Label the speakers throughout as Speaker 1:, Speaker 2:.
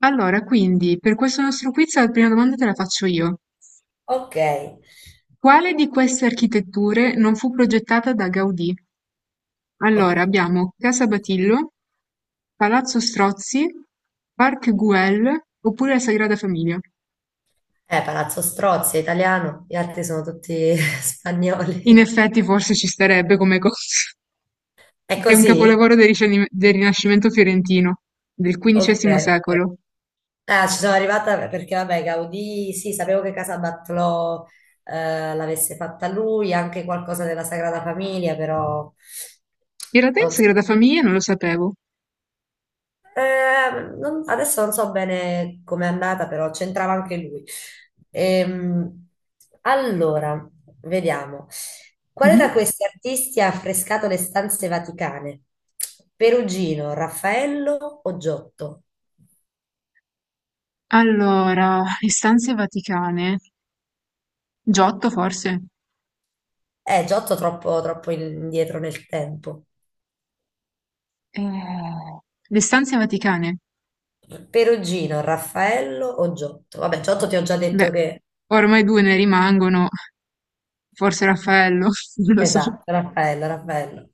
Speaker 1: Allora, quindi, per questo nostro quiz la prima domanda te la faccio io.
Speaker 2: Ok.
Speaker 1: Quale di queste architetture non fu progettata da Gaudì? Allora,
Speaker 2: Oh,
Speaker 1: abbiamo Casa Batillo, Palazzo Strozzi, Parc Güell oppure la Sagrada Famiglia.
Speaker 2: Palazzo Strozzi è italiano, gli altri sono tutti
Speaker 1: In
Speaker 2: spagnoli.
Speaker 1: effetti, forse ci starebbe come cosa.
Speaker 2: È
Speaker 1: È un
Speaker 2: così?
Speaker 1: capolavoro del Rinascimento fiorentino, del
Speaker 2: Ok,
Speaker 1: XV
Speaker 2: ok.
Speaker 1: secolo.
Speaker 2: Ah, ci sono arrivata perché, vabbè, Gaudì, sì, sapevo che Casa Batlló l'avesse fatta lui, anche qualcosa della Sagrada Famiglia, però.
Speaker 1: In realtà, la
Speaker 2: non
Speaker 1: Sagrada Famiglia non lo sapevo.
Speaker 2: adesso non so bene com'è andata, però c'entrava anche lui. Ehm, allora, vediamo. Quale
Speaker 1: Mhm.
Speaker 2: da questi artisti ha affrescato le stanze vaticane? Perugino, Raffaello o Giotto?
Speaker 1: Allora, istanze vaticane. Giotto, forse?
Speaker 2: Giotto troppo, troppo indietro nel tempo.
Speaker 1: Eh, le stanze vaticane.
Speaker 2: Perugino, Raffaello o Giotto? Vabbè, Giotto ti ho già
Speaker 1: Beh,
Speaker 2: detto che...
Speaker 1: ormai due ne rimangono, forse Raffaello, non lo so.
Speaker 2: Esatto, Raffaello, Raffaello.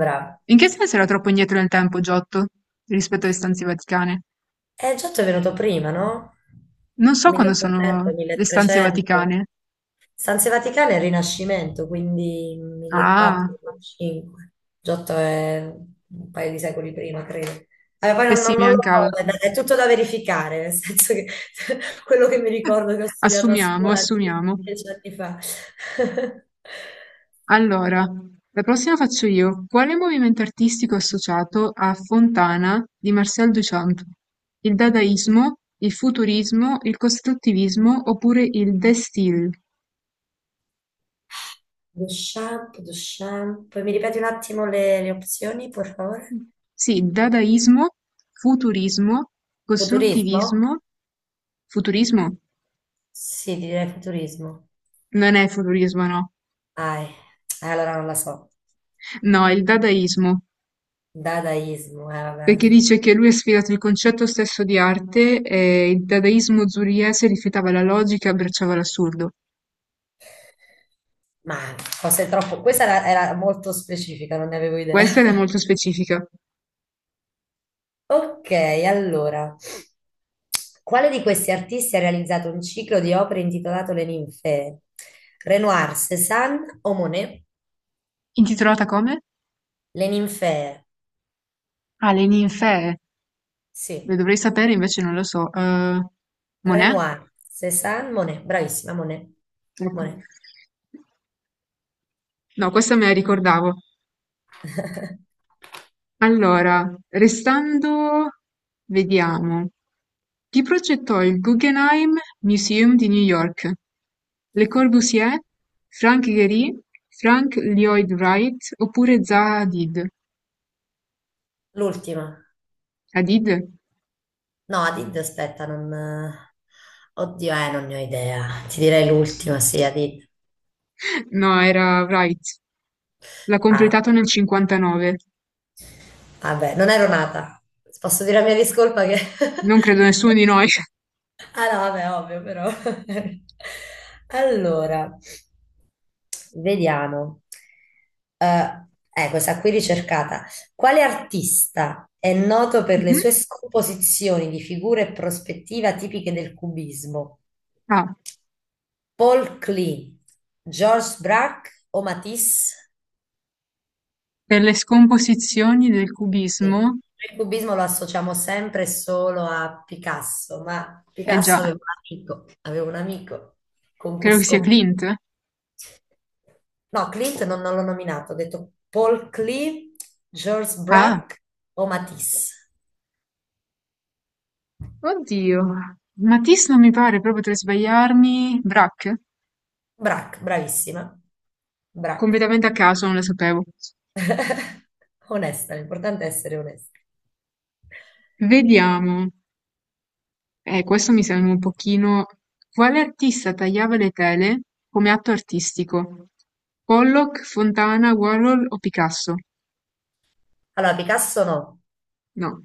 Speaker 2: Bravo.
Speaker 1: In che senso era troppo indietro nel tempo Giotto rispetto alle stanze vaticane?
Speaker 2: Giotto è venuto prima, no?
Speaker 1: Non so quando sono
Speaker 2: 1800,
Speaker 1: le stanze
Speaker 2: 1300.
Speaker 1: vaticane.
Speaker 2: Stanze Vaticane è il Rinascimento, quindi
Speaker 1: Ah,
Speaker 2: 1400-1500. Giotto è un paio di secoli prima, credo. Allora, poi
Speaker 1: e
Speaker 2: non,
Speaker 1: sì,
Speaker 2: non-
Speaker 1: mi
Speaker 2: non lo
Speaker 1: mancava.
Speaker 2: so, è tutto da verificare, nel senso che quello che mi ricordo che ho studiato a
Speaker 1: Assumiamo,
Speaker 2: scuola
Speaker 1: assumiamo.
Speaker 2: dieci anni fa.
Speaker 1: Allora, la prossima faccio io. Quale movimento artistico è associato a Fontana di Marcel Duchamp? Il dadaismo, il futurismo, il costruttivismo oppure il De Stijl?
Speaker 2: Duchamp, Duchamp. Mi ripeti un attimo le opzioni, per favore?
Speaker 1: Sì, dadaismo, futurismo,
Speaker 2: Futurismo?
Speaker 1: costruttivismo, futurismo?
Speaker 2: Sì, direi futurismo.
Speaker 1: Non è futurismo, no.
Speaker 2: Ah, eh, allora non la so.
Speaker 1: No, è il dadaismo,
Speaker 2: Dadaismo, vabbè.
Speaker 1: perché dice che lui ha sfidato il concetto stesso di arte e il dadaismo zuriese rifiutava la logica e abbracciava l'assurdo.
Speaker 2: Ma forse è troppo. Questa era molto specifica, non ne avevo idea.
Speaker 1: Questa è molto specifica.
Speaker 2: Ok, allora. Quale di questi artisti ha realizzato un ciclo di opere intitolato Le ninfee? Renoir, Cézanne o Monet?
Speaker 1: Intitolata come?
Speaker 2: Le ninfee,
Speaker 1: Ah, Le ninfee. Lo
Speaker 2: sì.
Speaker 1: dovrei sapere, invece non lo so. Monet?
Speaker 2: Renoir, Cézanne, Monet. Bravissima, Monet.
Speaker 1: Ecco.
Speaker 2: Monet.
Speaker 1: No, questa me la ricordavo. Allora, restando, vediamo. Chi progettò il Guggenheim Museum di New York? Le Corbusier, Frank Gehry, Frank Lloyd Wright oppure Zaha Hadid?
Speaker 2: L'ultima.
Speaker 1: Hadid?
Speaker 2: No, Adid, aspetta, non... Oddio, non ne ho idea. Ti direi l'ultima, sì, Adid.
Speaker 1: No, era Wright. L'ha
Speaker 2: Ah,
Speaker 1: completato nel 59.
Speaker 2: vabbè, non ero nata. Posso dire la mia discolpa che.
Speaker 1: Non credo nessuno di noi.
Speaker 2: Ah no, vabbè, ovvio, però. Allora, vediamo. Eh, Questa qui ricercata. Quale artista è noto per le
Speaker 1: Mhm.
Speaker 2: sue scomposizioni di figure e prospettiva tipiche del cubismo?
Speaker 1: Ah,
Speaker 2: Paul Klee, Georges Braque o Matisse?
Speaker 1: per le scomposizioni del
Speaker 2: Sì. Noi
Speaker 1: cubismo,
Speaker 2: il cubismo lo associamo sempre e solo a Picasso, ma
Speaker 1: eh
Speaker 2: Picasso
Speaker 1: già,
Speaker 2: aveva un amico con cui
Speaker 1: credo che sia
Speaker 2: scomparve.
Speaker 1: Clint.
Speaker 2: No, Clint non l'ho nominato, ho detto Paul Klee, Georges
Speaker 1: Ah,
Speaker 2: Braque o Matisse.
Speaker 1: oddio. Matisse non mi pare, proprio potrei sbagliarmi. Braque?
Speaker 2: Braque, bravissima. Braque.
Speaker 1: Completamente a caso, non lo sapevo.
Speaker 2: Onesta, l'importante è essere onesti.
Speaker 1: Vediamo. Questo mi sembra un pochino... Quale artista tagliava le tele come atto artistico? Pollock, Fontana, Warhol o Picasso?
Speaker 2: Allora, Picasso no.
Speaker 1: No.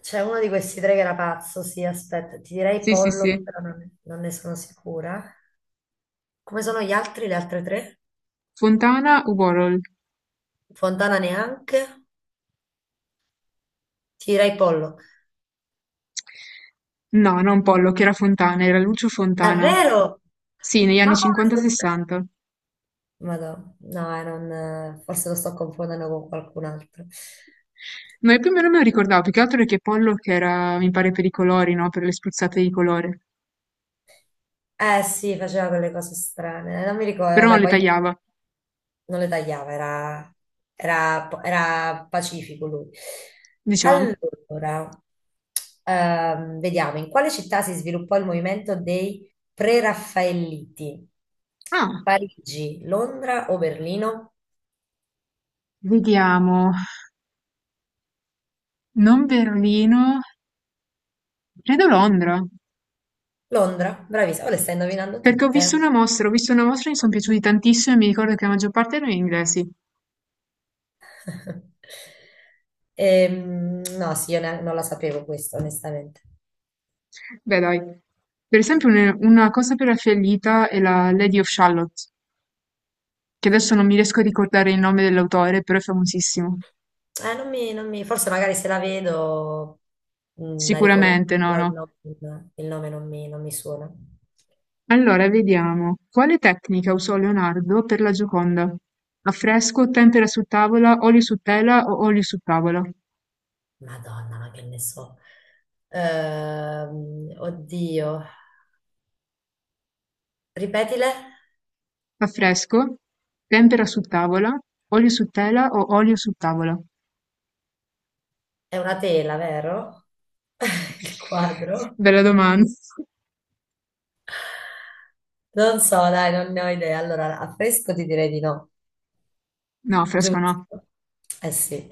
Speaker 2: C'è uno di questi tre che era pazzo, sì, aspetta, ti direi
Speaker 1: Sì, sì,
Speaker 2: Pollock,
Speaker 1: sì.
Speaker 2: però non ne sono sicura. Come sono gli altri, le altre tre?
Speaker 1: Fontana o Warhol?
Speaker 2: Fontana neanche, ti direi Pollock.
Speaker 1: No, non Pollock, era Fontana, era Lucio Fontana.
Speaker 2: Davvero?
Speaker 1: Sì, negli anni
Speaker 2: Ma come? Fontana?
Speaker 1: 50-60.
Speaker 2: Madò, no, forse lo sto confondendo con qualcun altro.
Speaker 1: No, e più o meno me lo ricordavo, più che altro perché Pollock era, mi pare, per i colori, no? Per le spruzzate di colore.
Speaker 2: Eh sì, faceva quelle cose strane, non mi ricordo,
Speaker 1: Però non
Speaker 2: vabbè,
Speaker 1: le
Speaker 2: poi
Speaker 1: tagliava,
Speaker 2: non le tagliava, era pacifico lui.
Speaker 1: diciamo.
Speaker 2: Allora, vediamo, in quale città si sviluppò il movimento dei Pre-Raffaelliti?
Speaker 1: Ah,
Speaker 2: Parigi, Londra o Berlino?
Speaker 1: vediamo. Non Berlino, credo Londra.
Speaker 2: Londra, bravissima, oh, le stai indovinando
Speaker 1: Perché ho visto
Speaker 2: tutte.
Speaker 1: una mostra, ho visto una mostra e mi sono piaciuti tantissimo e mi ricordo che la maggior parte erano inglesi.
Speaker 2: No, sì, non la sapevo questa, onestamente.
Speaker 1: Beh, dai. Per esempio, una cosa per la fiallita è la Lady of Shalott. Che adesso non mi riesco a ricordare il nome dell'autore, però è famosissimo.
Speaker 2: Non mi, non mi- Forse magari se la vedo la riconosco,
Speaker 1: Sicuramente, no,
Speaker 2: però il
Speaker 1: no.
Speaker 2: nome, il nome non mi suona.
Speaker 1: Allora, vediamo. Quale tecnica usò Leonardo per la Gioconda? Affresco, tempera su tavola, olio su tela o olio su tavola?
Speaker 2: Madonna, ma che ne so. Oddio, ripetile,
Speaker 1: Affresco, tempera su tavola, olio su tela o olio su tavola?
Speaker 2: è una tela, vero? Il quadro?
Speaker 1: Bella domanda.
Speaker 2: Non so, dai, non ne ho idea. Allora, a fresco ti direi di no.
Speaker 1: No, affresco no.
Speaker 2: Giusto. Eh sì.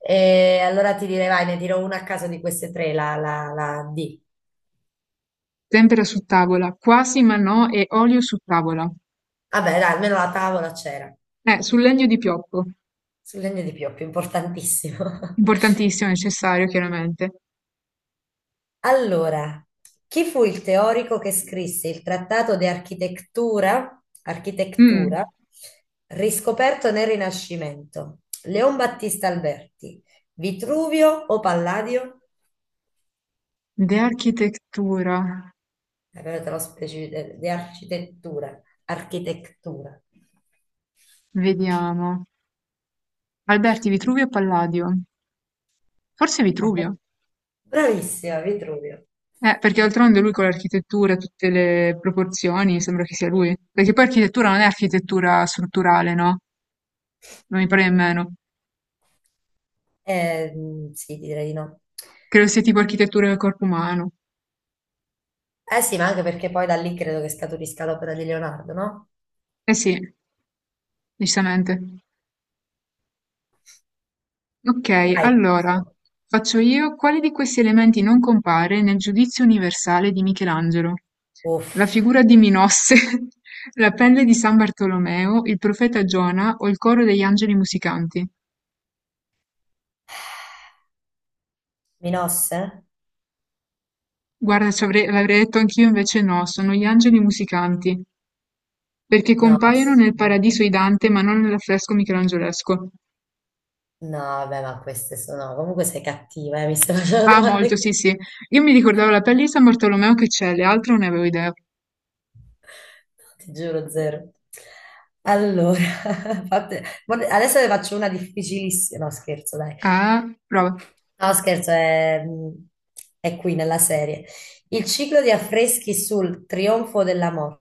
Speaker 2: E allora ti direi, vai, ne dirò una a caso di queste tre, la D.
Speaker 1: Tempera su tavola, quasi ma no, e olio su tavola.
Speaker 2: Vabbè, dai, almeno la tavola c'era.
Speaker 1: Sul legno di pioppo.
Speaker 2: Sul legno di pioppo, importantissimo.
Speaker 1: Importantissimo, necessario, chiaramente.
Speaker 2: Allora, chi fu il teorico che scrisse il trattato di architettura, architettura
Speaker 1: Mm.
Speaker 2: riscoperto nel Rinascimento? Leon Battista Alberti, Vitruvio o Palladio?
Speaker 1: De architettura,
Speaker 2: Però te lo specifico, di architettura, architettura.
Speaker 1: vediamo. Alberti, Vitruvio e Palladio. Forse
Speaker 2: Ah,
Speaker 1: Vitruvio.
Speaker 2: bravissima, Vitruvio.
Speaker 1: Perché d'altronde lui con l'architettura, tutte le proporzioni, sembra che sia lui. Perché poi architettura non è architettura strutturale, no? Non mi pare nemmeno.
Speaker 2: Sì, direi di no.
Speaker 1: Credo sia tipo architettura del corpo umano.
Speaker 2: Eh sì, ma anche perché poi da lì credo che scaturisca l'opera di Leonardo, no?
Speaker 1: Eh sì, giustamente. Ok,
Speaker 2: Vai.
Speaker 1: allora, faccio io, quale di questi elementi non compare nel Giudizio universale di Michelangelo?
Speaker 2: Uff,
Speaker 1: La figura di Minosse, la pelle di San Bartolomeo, il profeta Giona o il coro degli angeli musicanti?
Speaker 2: Minosse?
Speaker 1: Guarda, l'avrei detto anch'io, invece no, sono gli angeli musicanti, perché
Speaker 2: No,
Speaker 1: compaiono nel Paradiso
Speaker 2: assurdo.
Speaker 1: di Dante, ma non nell'affresco michelangelesco.
Speaker 2: No, vabbè, ma queste sono. Comunque sei cattiva, mi stai facendo
Speaker 1: Ah, molto,
Speaker 2: domande.
Speaker 1: sì, sì. Io mi ricordavo la pelle di San Bartolomeo che c'è, le altre non ne avevo idea.
Speaker 2: Ti giuro, zero. Allora, guarda, adesso ne faccio una difficilissima. No, scherzo, dai.
Speaker 1: Ah, prova.
Speaker 2: No, scherzo, è qui nella serie. Il ciclo di affreschi sul trionfo dell'amore.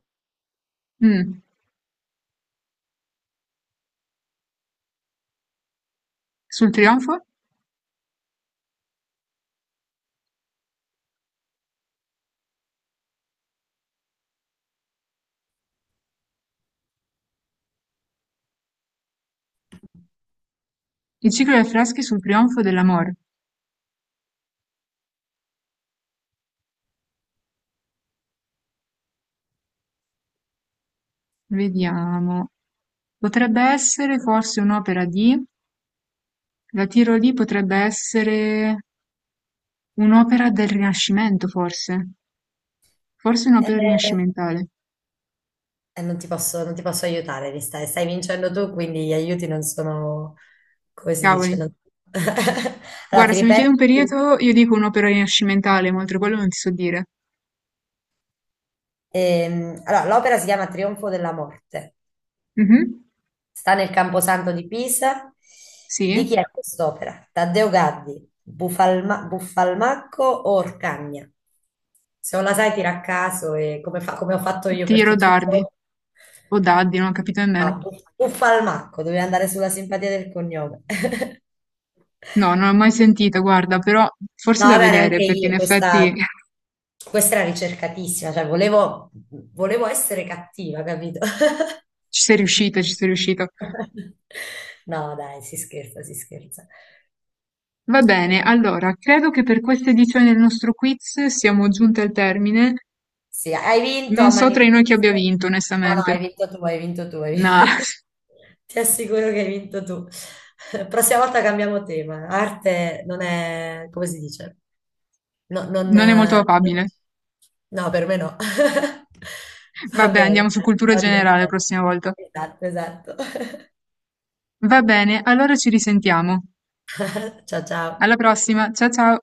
Speaker 1: Mm. Sul trionfo? Il ciclo dei affreschi sul trionfo dell'amor. Vediamo. Potrebbe essere forse un'opera di... La tiro lì, potrebbe essere un'opera del Rinascimento, forse. Forse un'opera
Speaker 2: Eh,
Speaker 1: rinascimentale.
Speaker 2: non ti posso aiutare, mi stai vincendo tu, quindi gli aiuti non sono, come si
Speaker 1: Cavoli.
Speaker 2: dice? Allora,
Speaker 1: Guarda,
Speaker 2: ti
Speaker 1: se mi
Speaker 2: ripeto.
Speaker 1: chiedi un
Speaker 2: ti-
Speaker 1: periodo, io dico un'opera rinascimentale, ma oltre quello non ti so dire.
Speaker 2: Allora, l'opera si chiama Trionfo della morte.
Speaker 1: Mhm.
Speaker 2: Sta nel Camposanto di Pisa. Di
Speaker 1: Sì.
Speaker 2: chi è quest'opera? Taddeo Gaddi, Buffalmacco o Orcagna? Se non la sai, tira a caso e come, come ho fatto io per
Speaker 1: Tiro
Speaker 2: tutto il
Speaker 1: dardi.
Speaker 2: giorno.
Speaker 1: O daddi, non ho capito
Speaker 2: No,
Speaker 1: nemmeno.
Speaker 2: Buffalmacco, dovevi andare sulla simpatia del cognome.
Speaker 1: No, non l'ho mai sentita, guarda, però forse
Speaker 2: No,
Speaker 1: da
Speaker 2: vabbè, neanche
Speaker 1: vedere, perché in
Speaker 2: io,
Speaker 1: effetti
Speaker 2: questa, questa era ricercatissima, cioè volevo essere cattiva, capito?
Speaker 1: ci sei riuscita, ci sei riuscita.
Speaker 2: No, dai, si scherza, si scherza.
Speaker 1: Va bene, allora, credo che per questa edizione del nostro quiz siamo giunti al termine.
Speaker 2: Sì, hai vinto a
Speaker 1: Non so
Speaker 2: mani
Speaker 1: tra di noi chi abbia
Speaker 2: basse.
Speaker 1: vinto,
Speaker 2: No, no,
Speaker 1: onestamente.
Speaker 2: hai vinto tu, hai vinto tu. Hai
Speaker 1: No,
Speaker 2: Ti assicuro che hai vinto tu. Prossima volta cambiamo tema. Arte non è, come si dice? No, non,
Speaker 1: non è molto
Speaker 2: eh, non-
Speaker 1: probabile.
Speaker 2: No, per me no. Va
Speaker 1: Vabbè, andiamo
Speaker 2: bene,
Speaker 1: su
Speaker 2: dai,
Speaker 1: cultura
Speaker 2: sto
Speaker 1: generale la
Speaker 2: divertendo.
Speaker 1: prossima volta.
Speaker 2: Esatto, esatto.
Speaker 1: Va bene, allora ci risentiamo.
Speaker 2: Ciao, ciao.
Speaker 1: Alla prossima, ciao ciao!